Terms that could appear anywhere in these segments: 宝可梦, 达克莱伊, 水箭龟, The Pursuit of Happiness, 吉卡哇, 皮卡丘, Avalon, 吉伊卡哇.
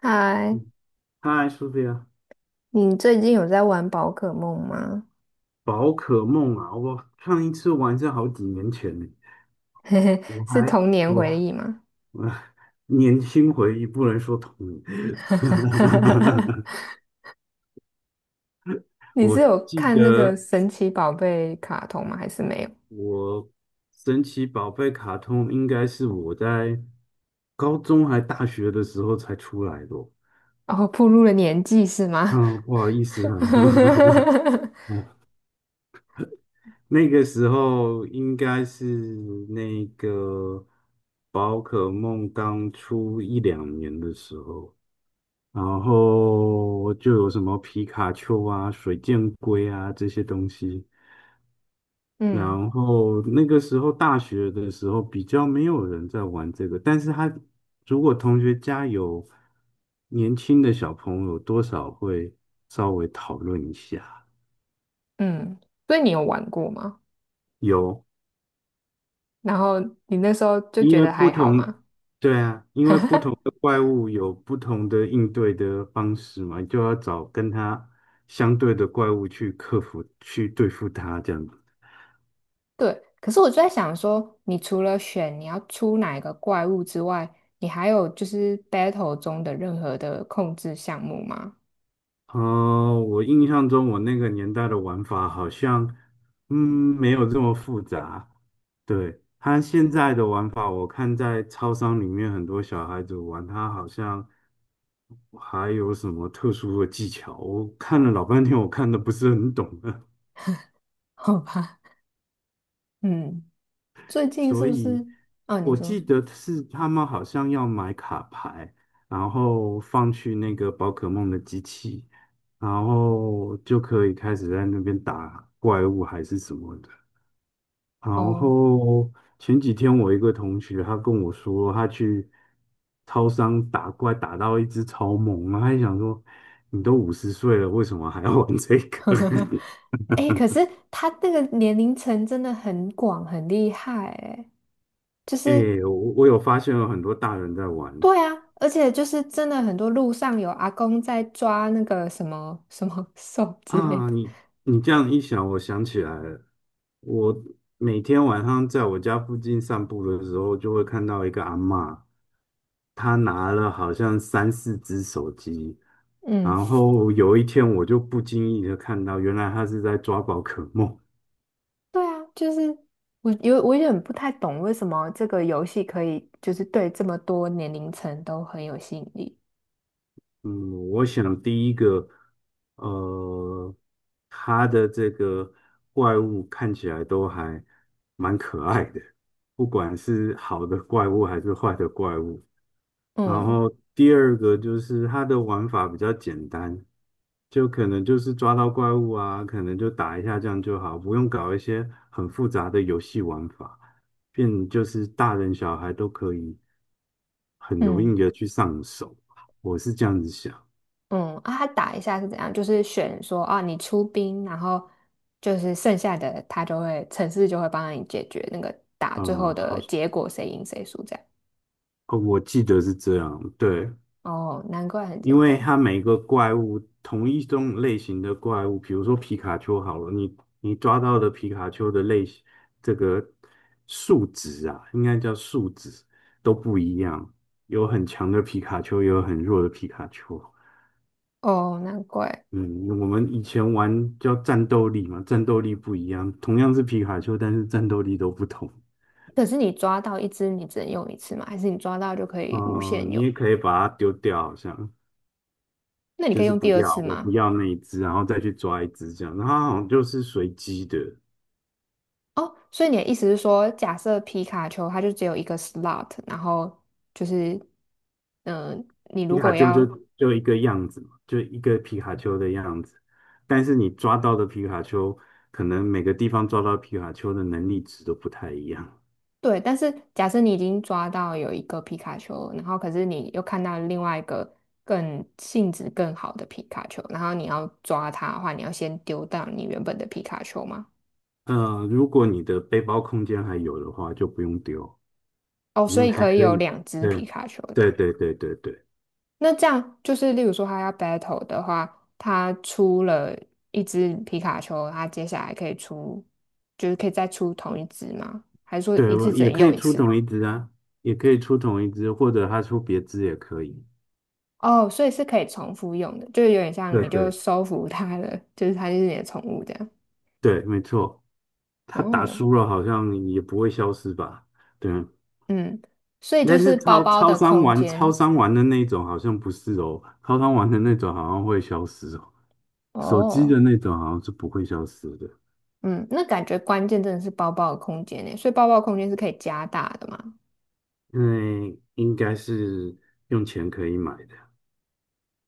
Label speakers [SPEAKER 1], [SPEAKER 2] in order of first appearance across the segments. [SPEAKER 1] 嗨，
[SPEAKER 2] 嗨，苏菲这个
[SPEAKER 1] 你最近有在玩宝可梦吗？
[SPEAKER 2] 宝可梦啊，我上一次玩是好几年前呢。
[SPEAKER 1] 嘿嘿，
[SPEAKER 2] 我
[SPEAKER 1] 是
[SPEAKER 2] 还
[SPEAKER 1] 童年回
[SPEAKER 2] 我
[SPEAKER 1] 忆吗？
[SPEAKER 2] 我 年轻回忆，不能说童年。
[SPEAKER 1] 你是
[SPEAKER 2] 我
[SPEAKER 1] 有
[SPEAKER 2] 记
[SPEAKER 1] 看那个
[SPEAKER 2] 得
[SPEAKER 1] 神奇宝贝卡通吗？还是没有？
[SPEAKER 2] 我神奇宝贝卡通应该是我在高中还大学的时候才出来的哦。
[SPEAKER 1] 然后暴露了年纪是吗？
[SPEAKER 2] 嗯，不好意思啊。那个时候应该是那个宝可梦刚出一两年的时候，然后就有什么皮卡丘啊、水箭龟啊这些东西。
[SPEAKER 1] 嗯
[SPEAKER 2] 然后那个时候大学的时候比较没有人在玩这个，但是他如果同学家有年轻的小朋友，多少会稍微讨论一下。
[SPEAKER 1] 嗯，所以你有玩过吗？
[SPEAKER 2] 有。
[SPEAKER 1] 然后你那时候就
[SPEAKER 2] 因
[SPEAKER 1] 觉
[SPEAKER 2] 为
[SPEAKER 1] 得
[SPEAKER 2] 不
[SPEAKER 1] 还好吗？
[SPEAKER 2] 同，对啊，因为不同的怪物有不同的应对的方式嘛，就要找跟它相对的怪物去克服、去对付它这样子。
[SPEAKER 1] 对，可是我就在想说，你除了选你要出哪一个怪物之外，你还有就是 battle 中的任何的控制项目吗？
[SPEAKER 2] 我印象中我那个年代的玩法好像，嗯，没有这么复杂。对，他现在的玩法，我看在超商里面很多小孩子玩，他好像还有什么特殊的技巧，我看了老半天，我看的不是很懂。
[SPEAKER 1] 好吧，嗯，最近是
[SPEAKER 2] 所
[SPEAKER 1] 不
[SPEAKER 2] 以
[SPEAKER 1] 是？哦，你
[SPEAKER 2] 我
[SPEAKER 1] 说，
[SPEAKER 2] 记得是他们好像要买卡牌，然后放去那个宝可梦的机器，然后就可以开始在那边打怪物还是什么的。然
[SPEAKER 1] 哦，
[SPEAKER 2] 后前几天我一个同学他跟我说，他去超商打怪打到一只超猛，然后他还想说，你都50岁了，为什么还要玩这个？
[SPEAKER 1] 哎可是他那个年龄层真的很广，很厉害，哎，就 是
[SPEAKER 2] 诶，我有发现有很多大人在玩。
[SPEAKER 1] 对啊，而且就是真的很多路上有阿公在抓那个什么什么兽之类
[SPEAKER 2] 啊，
[SPEAKER 1] 的，
[SPEAKER 2] 你这样一想，我想起来了。我每天晚上在我家附近散步的时候，就会看到一个阿嬷，她拿了好像三四只手机，
[SPEAKER 1] 嗯，
[SPEAKER 2] 然后有一天我就不经意的看到，原来她是在抓宝可梦。
[SPEAKER 1] 对啊，就是我有点不太懂为什么这个游戏可以就是对这么多年龄层都很有吸引力，
[SPEAKER 2] 嗯，我想第一个，呃，他的这个怪物看起来都还蛮可爱的，不管是好的怪物还是坏的怪物。然
[SPEAKER 1] 嗯
[SPEAKER 2] 后第二个就是它的玩法比较简单，就可能就是抓到怪物啊，可能就打一下这样就好，不用搞一些很复杂的游戏玩法，变就是大人小孩都可以很容
[SPEAKER 1] 嗯。
[SPEAKER 2] 易的去上手。我是这样子想。
[SPEAKER 1] 嗯，啊，他打一下是怎样？就是选说啊，你出兵，然后就是剩下的他就会城市就会帮你解决那个打最后
[SPEAKER 2] 呃，好，
[SPEAKER 1] 的结果，谁赢谁输这样。
[SPEAKER 2] 哦，我记得是这样，对。
[SPEAKER 1] 哦，难怪很简
[SPEAKER 2] 因为
[SPEAKER 1] 单。
[SPEAKER 2] 它每个怪物同一种类型的怪物，比如说皮卡丘好了，你抓到的皮卡丘的类型，这个数值啊，应该叫数值都不一样，有很强的皮卡丘，也有很弱的皮卡丘。
[SPEAKER 1] 哦，难怪。
[SPEAKER 2] 嗯，我们以前玩叫战斗力嘛，战斗力不一样，同样是皮卡丘，但是战斗力都不同。
[SPEAKER 1] 可是你抓到一只，你只能用一次吗？还是你抓到就可以无
[SPEAKER 2] 哦、
[SPEAKER 1] 限
[SPEAKER 2] 你
[SPEAKER 1] 用？
[SPEAKER 2] 也可以把它丢掉，好像。
[SPEAKER 1] 那你可
[SPEAKER 2] 就
[SPEAKER 1] 以
[SPEAKER 2] 是
[SPEAKER 1] 用
[SPEAKER 2] 不
[SPEAKER 1] 第二
[SPEAKER 2] 要，
[SPEAKER 1] 次
[SPEAKER 2] 我不
[SPEAKER 1] 吗？
[SPEAKER 2] 要那一只，然后再去抓一只这样。然后它好像就是随机的，
[SPEAKER 1] 哦，所以你的意思是说，假设皮卡丘它就只有一个 slot,然后就是，嗯、你
[SPEAKER 2] 皮
[SPEAKER 1] 如
[SPEAKER 2] 卡
[SPEAKER 1] 果
[SPEAKER 2] 丘就
[SPEAKER 1] 要
[SPEAKER 2] 就一个样子嘛，就一个皮卡丘的样子。但是你抓到的皮卡丘，可能每个地方抓到皮卡丘的能力值都不太一样。
[SPEAKER 1] 对，但是假设你已经抓到有一个皮卡丘了然后可是你又看到另外一个更性质更好的皮卡丘，然后你要抓它的话，你要先丢到你原本的皮卡丘吗？
[SPEAKER 2] 呃，如果你的背包空间还有的话，就不用丢，
[SPEAKER 1] 哦，
[SPEAKER 2] 因
[SPEAKER 1] 所
[SPEAKER 2] 为
[SPEAKER 1] 以
[SPEAKER 2] 还
[SPEAKER 1] 可以
[SPEAKER 2] 可
[SPEAKER 1] 有
[SPEAKER 2] 以。
[SPEAKER 1] 两只
[SPEAKER 2] 对，
[SPEAKER 1] 皮卡丘这样。
[SPEAKER 2] 对对对对对
[SPEAKER 1] 那这样就是，例如说他要 battle 的话，他出了一只皮卡丘，他接下来可以出，就是可以再出同一只吗？还是说
[SPEAKER 2] 对，
[SPEAKER 1] 一次
[SPEAKER 2] 我
[SPEAKER 1] 只
[SPEAKER 2] 也
[SPEAKER 1] 能
[SPEAKER 2] 可
[SPEAKER 1] 用
[SPEAKER 2] 以
[SPEAKER 1] 一
[SPEAKER 2] 出
[SPEAKER 1] 次？
[SPEAKER 2] 同一只啊，也可以出同一只，或者他出别只也可以。
[SPEAKER 1] 哦，所以是可以重复用的，就是有点像
[SPEAKER 2] 对
[SPEAKER 1] 你就
[SPEAKER 2] 对
[SPEAKER 1] 收服它了，就是它就是你的宠物这样。
[SPEAKER 2] 对，没错。他打
[SPEAKER 1] 哦，
[SPEAKER 2] 输了好像也不会消失吧？对，
[SPEAKER 1] 嗯，所以
[SPEAKER 2] 但
[SPEAKER 1] 就是
[SPEAKER 2] 是
[SPEAKER 1] 包
[SPEAKER 2] 超
[SPEAKER 1] 包
[SPEAKER 2] 超
[SPEAKER 1] 的
[SPEAKER 2] 商
[SPEAKER 1] 空
[SPEAKER 2] 玩超
[SPEAKER 1] 间。
[SPEAKER 2] 商玩的那种好像不是哦，超商玩的那种好像会消失哦，手机
[SPEAKER 1] 哦，
[SPEAKER 2] 的那种好像是不会消失的，
[SPEAKER 1] 嗯，那感觉关键真的是包包的空间呢，所以包包的空间是可以加大的嘛？
[SPEAKER 2] 因为应该是用钱可以买的，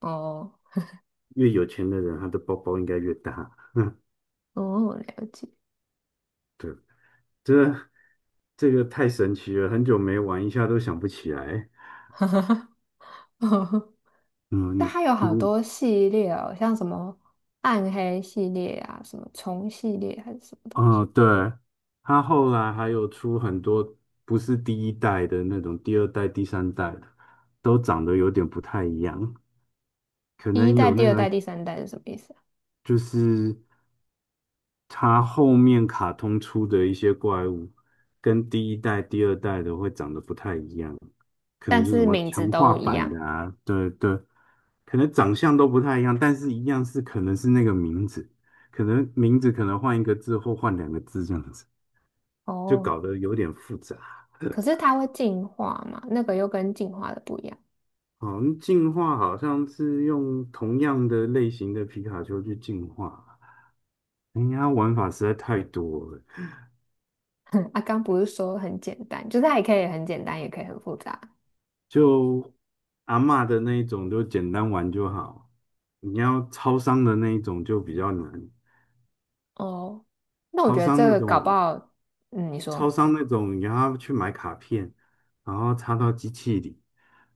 [SPEAKER 1] 哦，
[SPEAKER 2] 越有钱的人他的包包应该越大。
[SPEAKER 1] 哦，了解。
[SPEAKER 2] 这这个太神奇了，很久没玩一下都想不起来。
[SPEAKER 1] 但
[SPEAKER 2] 嗯，
[SPEAKER 1] 它有好多系列哦，像什么暗黑系列啊，什么虫系列还是什么东西，
[SPEAKER 2] 对，他后来还有出很多不是第一代的那种，第二代、第三代的都长得有点不太一样，可
[SPEAKER 1] 第一
[SPEAKER 2] 能
[SPEAKER 1] 代、
[SPEAKER 2] 有那
[SPEAKER 1] 第二
[SPEAKER 2] 个
[SPEAKER 1] 代、第三代是什么意思啊？
[SPEAKER 2] 就是他后面卡通出的一些怪物，跟第一代、第二代的会长得不太一样，可
[SPEAKER 1] 但
[SPEAKER 2] 能就什
[SPEAKER 1] 是
[SPEAKER 2] 么
[SPEAKER 1] 名字
[SPEAKER 2] 强化
[SPEAKER 1] 都一
[SPEAKER 2] 版
[SPEAKER 1] 样。
[SPEAKER 2] 的啊，对对。可能长相都不太一样，但是一样是可能是那个名字，可能名字可能换一个字或换两个字这样子。就
[SPEAKER 1] 哦，
[SPEAKER 2] 搞得有点复杂。
[SPEAKER 1] 可是它会进化嘛？那个又跟进化的不一样。
[SPEAKER 2] 好像进化好像是用同样的类型的皮卡丘去进化，哎呀，玩法实在太多了。
[SPEAKER 1] 啊，刚不是说很简单，就是它也可以很简单，也可以很复杂。
[SPEAKER 2] 就阿嬷的那一种，就简单玩就好；你要超商的那一种就比较难。
[SPEAKER 1] 哦，那我
[SPEAKER 2] 超
[SPEAKER 1] 觉得
[SPEAKER 2] 商
[SPEAKER 1] 这
[SPEAKER 2] 那
[SPEAKER 1] 个搞不
[SPEAKER 2] 种
[SPEAKER 1] 好，嗯，你
[SPEAKER 2] 超
[SPEAKER 1] 说，
[SPEAKER 2] 商那种，你要去买卡片，然后插到机器里，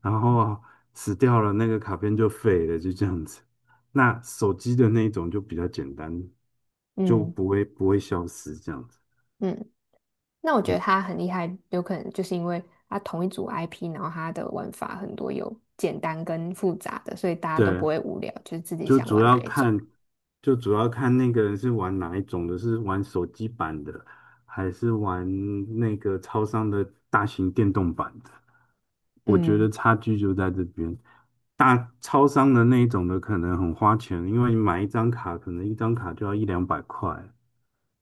[SPEAKER 2] 然后死掉了，那个卡片就废了，就这样子。那手机的那一种就比较简单，就
[SPEAKER 1] 嗯
[SPEAKER 2] 不会消失这样子。
[SPEAKER 1] 嗯，那我觉得
[SPEAKER 2] 嗯，
[SPEAKER 1] 它很厉害，有可能就是因为它同一组 IP,然后它的玩法很多，有简单跟复杂的，所以大家都
[SPEAKER 2] 对，
[SPEAKER 1] 不会无聊，就是自己
[SPEAKER 2] 就
[SPEAKER 1] 想
[SPEAKER 2] 主
[SPEAKER 1] 玩
[SPEAKER 2] 要
[SPEAKER 1] 哪一种。
[SPEAKER 2] 看，就主要看那个人是玩哪一种的，是玩手机版的，还是玩那个超商的大型电动版的？我觉
[SPEAKER 1] 嗯，
[SPEAKER 2] 得差距就在这边。大超商的那一种的可能很花钱，因为你买一张卡，可能一张卡就要一两百块，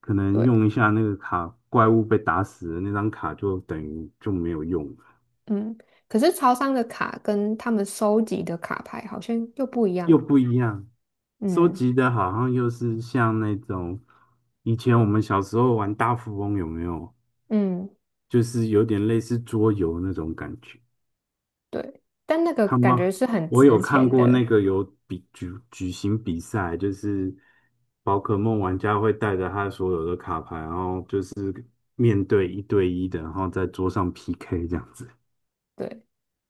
[SPEAKER 2] 可能
[SPEAKER 1] 对，
[SPEAKER 2] 用一下那个卡，怪物被打死了，那张卡就等于就没有用。
[SPEAKER 1] 嗯。可是超商的卡跟他们收集的卡牌好像又不一样。
[SPEAKER 2] 又不一样。收
[SPEAKER 1] 嗯
[SPEAKER 2] 集的好像又是像那种以前我们小时候玩大富翁，有没有？
[SPEAKER 1] 嗯。
[SPEAKER 2] 就是有点类似桌游那种感觉。
[SPEAKER 1] 对，但那个
[SPEAKER 2] 他
[SPEAKER 1] 感
[SPEAKER 2] 们
[SPEAKER 1] 觉是很
[SPEAKER 2] 我有
[SPEAKER 1] 值
[SPEAKER 2] 看
[SPEAKER 1] 钱
[SPEAKER 2] 过
[SPEAKER 1] 的，
[SPEAKER 2] 那个有举行比赛，就是宝可梦玩家会带着他所有的卡牌，然后就是面对一对一的，然后在桌上 PK 这样子。
[SPEAKER 1] 对，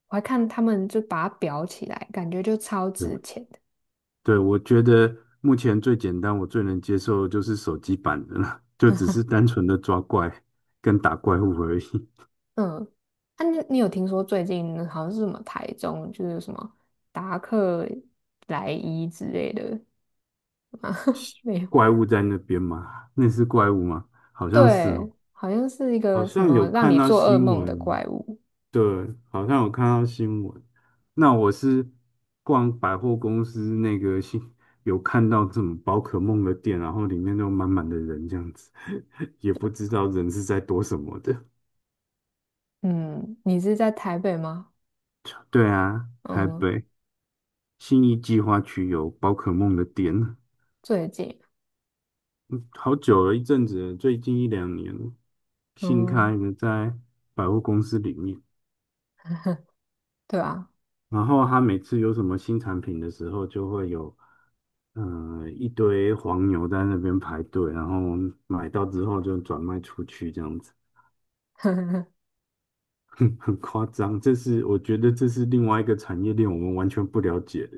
[SPEAKER 1] 我还看他们就把它裱起来，感觉就超
[SPEAKER 2] 对。
[SPEAKER 1] 值钱的。
[SPEAKER 2] 对，我觉得目前最简单，我最能接受的就是手机版的了，就只是单纯的抓怪跟打怪物而已。
[SPEAKER 1] 嗯，啊，你有听说最近好像是什么台中就是什么达克莱伊之类的没有？
[SPEAKER 2] 怪物在那边吗？那是怪物吗？好像是哦，
[SPEAKER 1] 对，好像是一
[SPEAKER 2] 好
[SPEAKER 1] 个什
[SPEAKER 2] 像有
[SPEAKER 1] 么让
[SPEAKER 2] 看
[SPEAKER 1] 你
[SPEAKER 2] 到
[SPEAKER 1] 做噩
[SPEAKER 2] 新
[SPEAKER 1] 梦的
[SPEAKER 2] 闻，
[SPEAKER 1] 怪物。
[SPEAKER 2] 对，好像有看到新闻。那我是逛百货公司那个新，有看到这种宝可梦的店，然后里面都满满的人这样子，也不知道人是在躲什么的。
[SPEAKER 1] 嗯，你是在台北吗？
[SPEAKER 2] 对啊，台
[SPEAKER 1] 嗯，
[SPEAKER 2] 北。信义计划区有宝可梦的店，
[SPEAKER 1] 最近，
[SPEAKER 2] 好久了，一阵子了，最近一两年了，新
[SPEAKER 1] 嗯，
[SPEAKER 2] 开的在百货公司里面。
[SPEAKER 1] 对啊，
[SPEAKER 2] 然后他每次有什么新产品的时候，就会有一堆黄牛在那边排队，然后买到之后就转卖出去，这样子 很夸张。这是我觉得这是另外一个产业链，我们完全不了解的。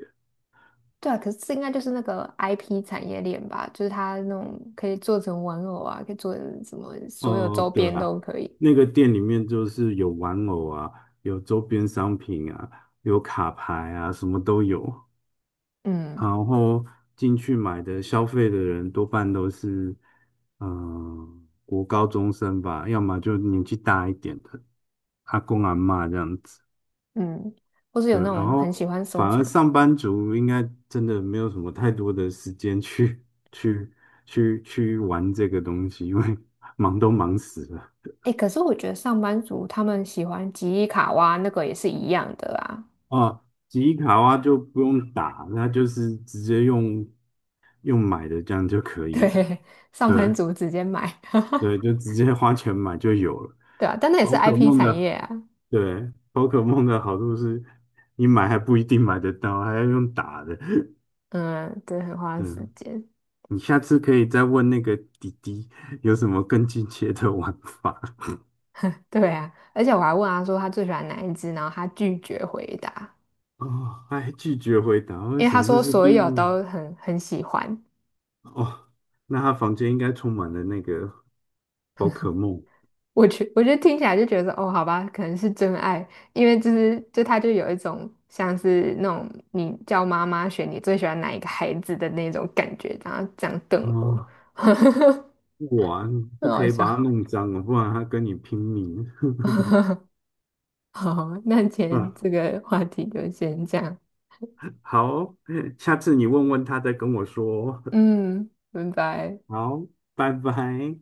[SPEAKER 1] 对啊，可是这应该就是那个 IP 产业链吧，就是它那种可以做成玩偶啊，可以做成什么，所有周
[SPEAKER 2] 哦，对
[SPEAKER 1] 边
[SPEAKER 2] 啊，
[SPEAKER 1] 都可以。
[SPEAKER 2] 那个店里面就是有玩偶啊，有周边商品啊，有卡牌啊，什么都有。
[SPEAKER 1] 嗯
[SPEAKER 2] 然后进去买的消费的人多半都是，嗯、国高中生吧，要么就年纪大一点的阿公阿嬷这样子。
[SPEAKER 1] 嗯，或是有
[SPEAKER 2] 对，
[SPEAKER 1] 那
[SPEAKER 2] 然
[SPEAKER 1] 种很喜
[SPEAKER 2] 后
[SPEAKER 1] 欢收
[SPEAKER 2] 反而
[SPEAKER 1] 藏。
[SPEAKER 2] 上班族应该真的没有什么太多的时间去 去去玩这个东西，因为 忙都忙死了。
[SPEAKER 1] 哎，可是我觉得上班族他们喜欢吉伊卡哇那个也是一样的啊。
[SPEAKER 2] 哦，吉卡哇就不用打，那就是直接用买的这样就可以了。
[SPEAKER 1] 对，上班
[SPEAKER 2] 对
[SPEAKER 1] 族直接买，
[SPEAKER 2] 对，就 直接花钱买就有了。
[SPEAKER 1] 对啊，但那也是
[SPEAKER 2] 宝可
[SPEAKER 1] IP
[SPEAKER 2] 梦
[SPEAKER 1] 产
[SPEAKER 2] 的，
[SPEAKER 1] 业啊。
[SPEAKER 2] 对，宝可梦的好处是，你买还不一定买得到，还要用打的。
[SPEAKER 1] 嗯，对，很花时
[SPEAKER 2] 嗯，
[SPEAKER 1] 间。
[SPEAKER 2] 你下次可以再问那个弟弟有什么更进阶的玩法。
[SPEAKER 1] 对啊，而且我还问他说他最喜欢哪一只，然后他拒绝回答，
[SPEAKER 2] 哦，他还拒绝回答，为
[SPEAKER 1] 因为
[SPEAKER 2] 什
[SPEAKER 1] 他
[SPEAKER 2] 么这
[SPEAKER 1] 说
[SPEAKER 2] 是
[SPEAKER 1] 所
[SPEAKER 2] 秘
[SPEAKER 1] 有
[SPEAKER 2] 密？
[SPEAKER 1] 都很喜欢。
[SPEAKER 2] 哦，那他房间应该充满了那个宝可梦。
[SPEAKER 1] 我觉得听起来就觉得哦，好吧，可能是真爱，因为就是他就有一种像是那种你叫妈妈选你最喜欢哪一个孩子的那种感觉，然后这样瞪我，
[SPEAKER 2] 哦，
[SPEAKER 1] 很
[SPEAKER 2] 哇，不可
[SPEAKER 1] 好
[SPEAKER 2] 以把它
[SPEAKER 1] 笑。
[SPEAKER 2] 弄脏了，不然它跟你拼命。
[SPEAKER 1] 好，那今天
[SPEAKER 2] 嗯，
[SPEAKER 1] 这个话题就先这样，
[SPEAKER 2] 好，下次你问问他再跟我说哦。
[SPEAKER 1] 嗯，拜拜。
[SPEAKER 2] 好，拜拜。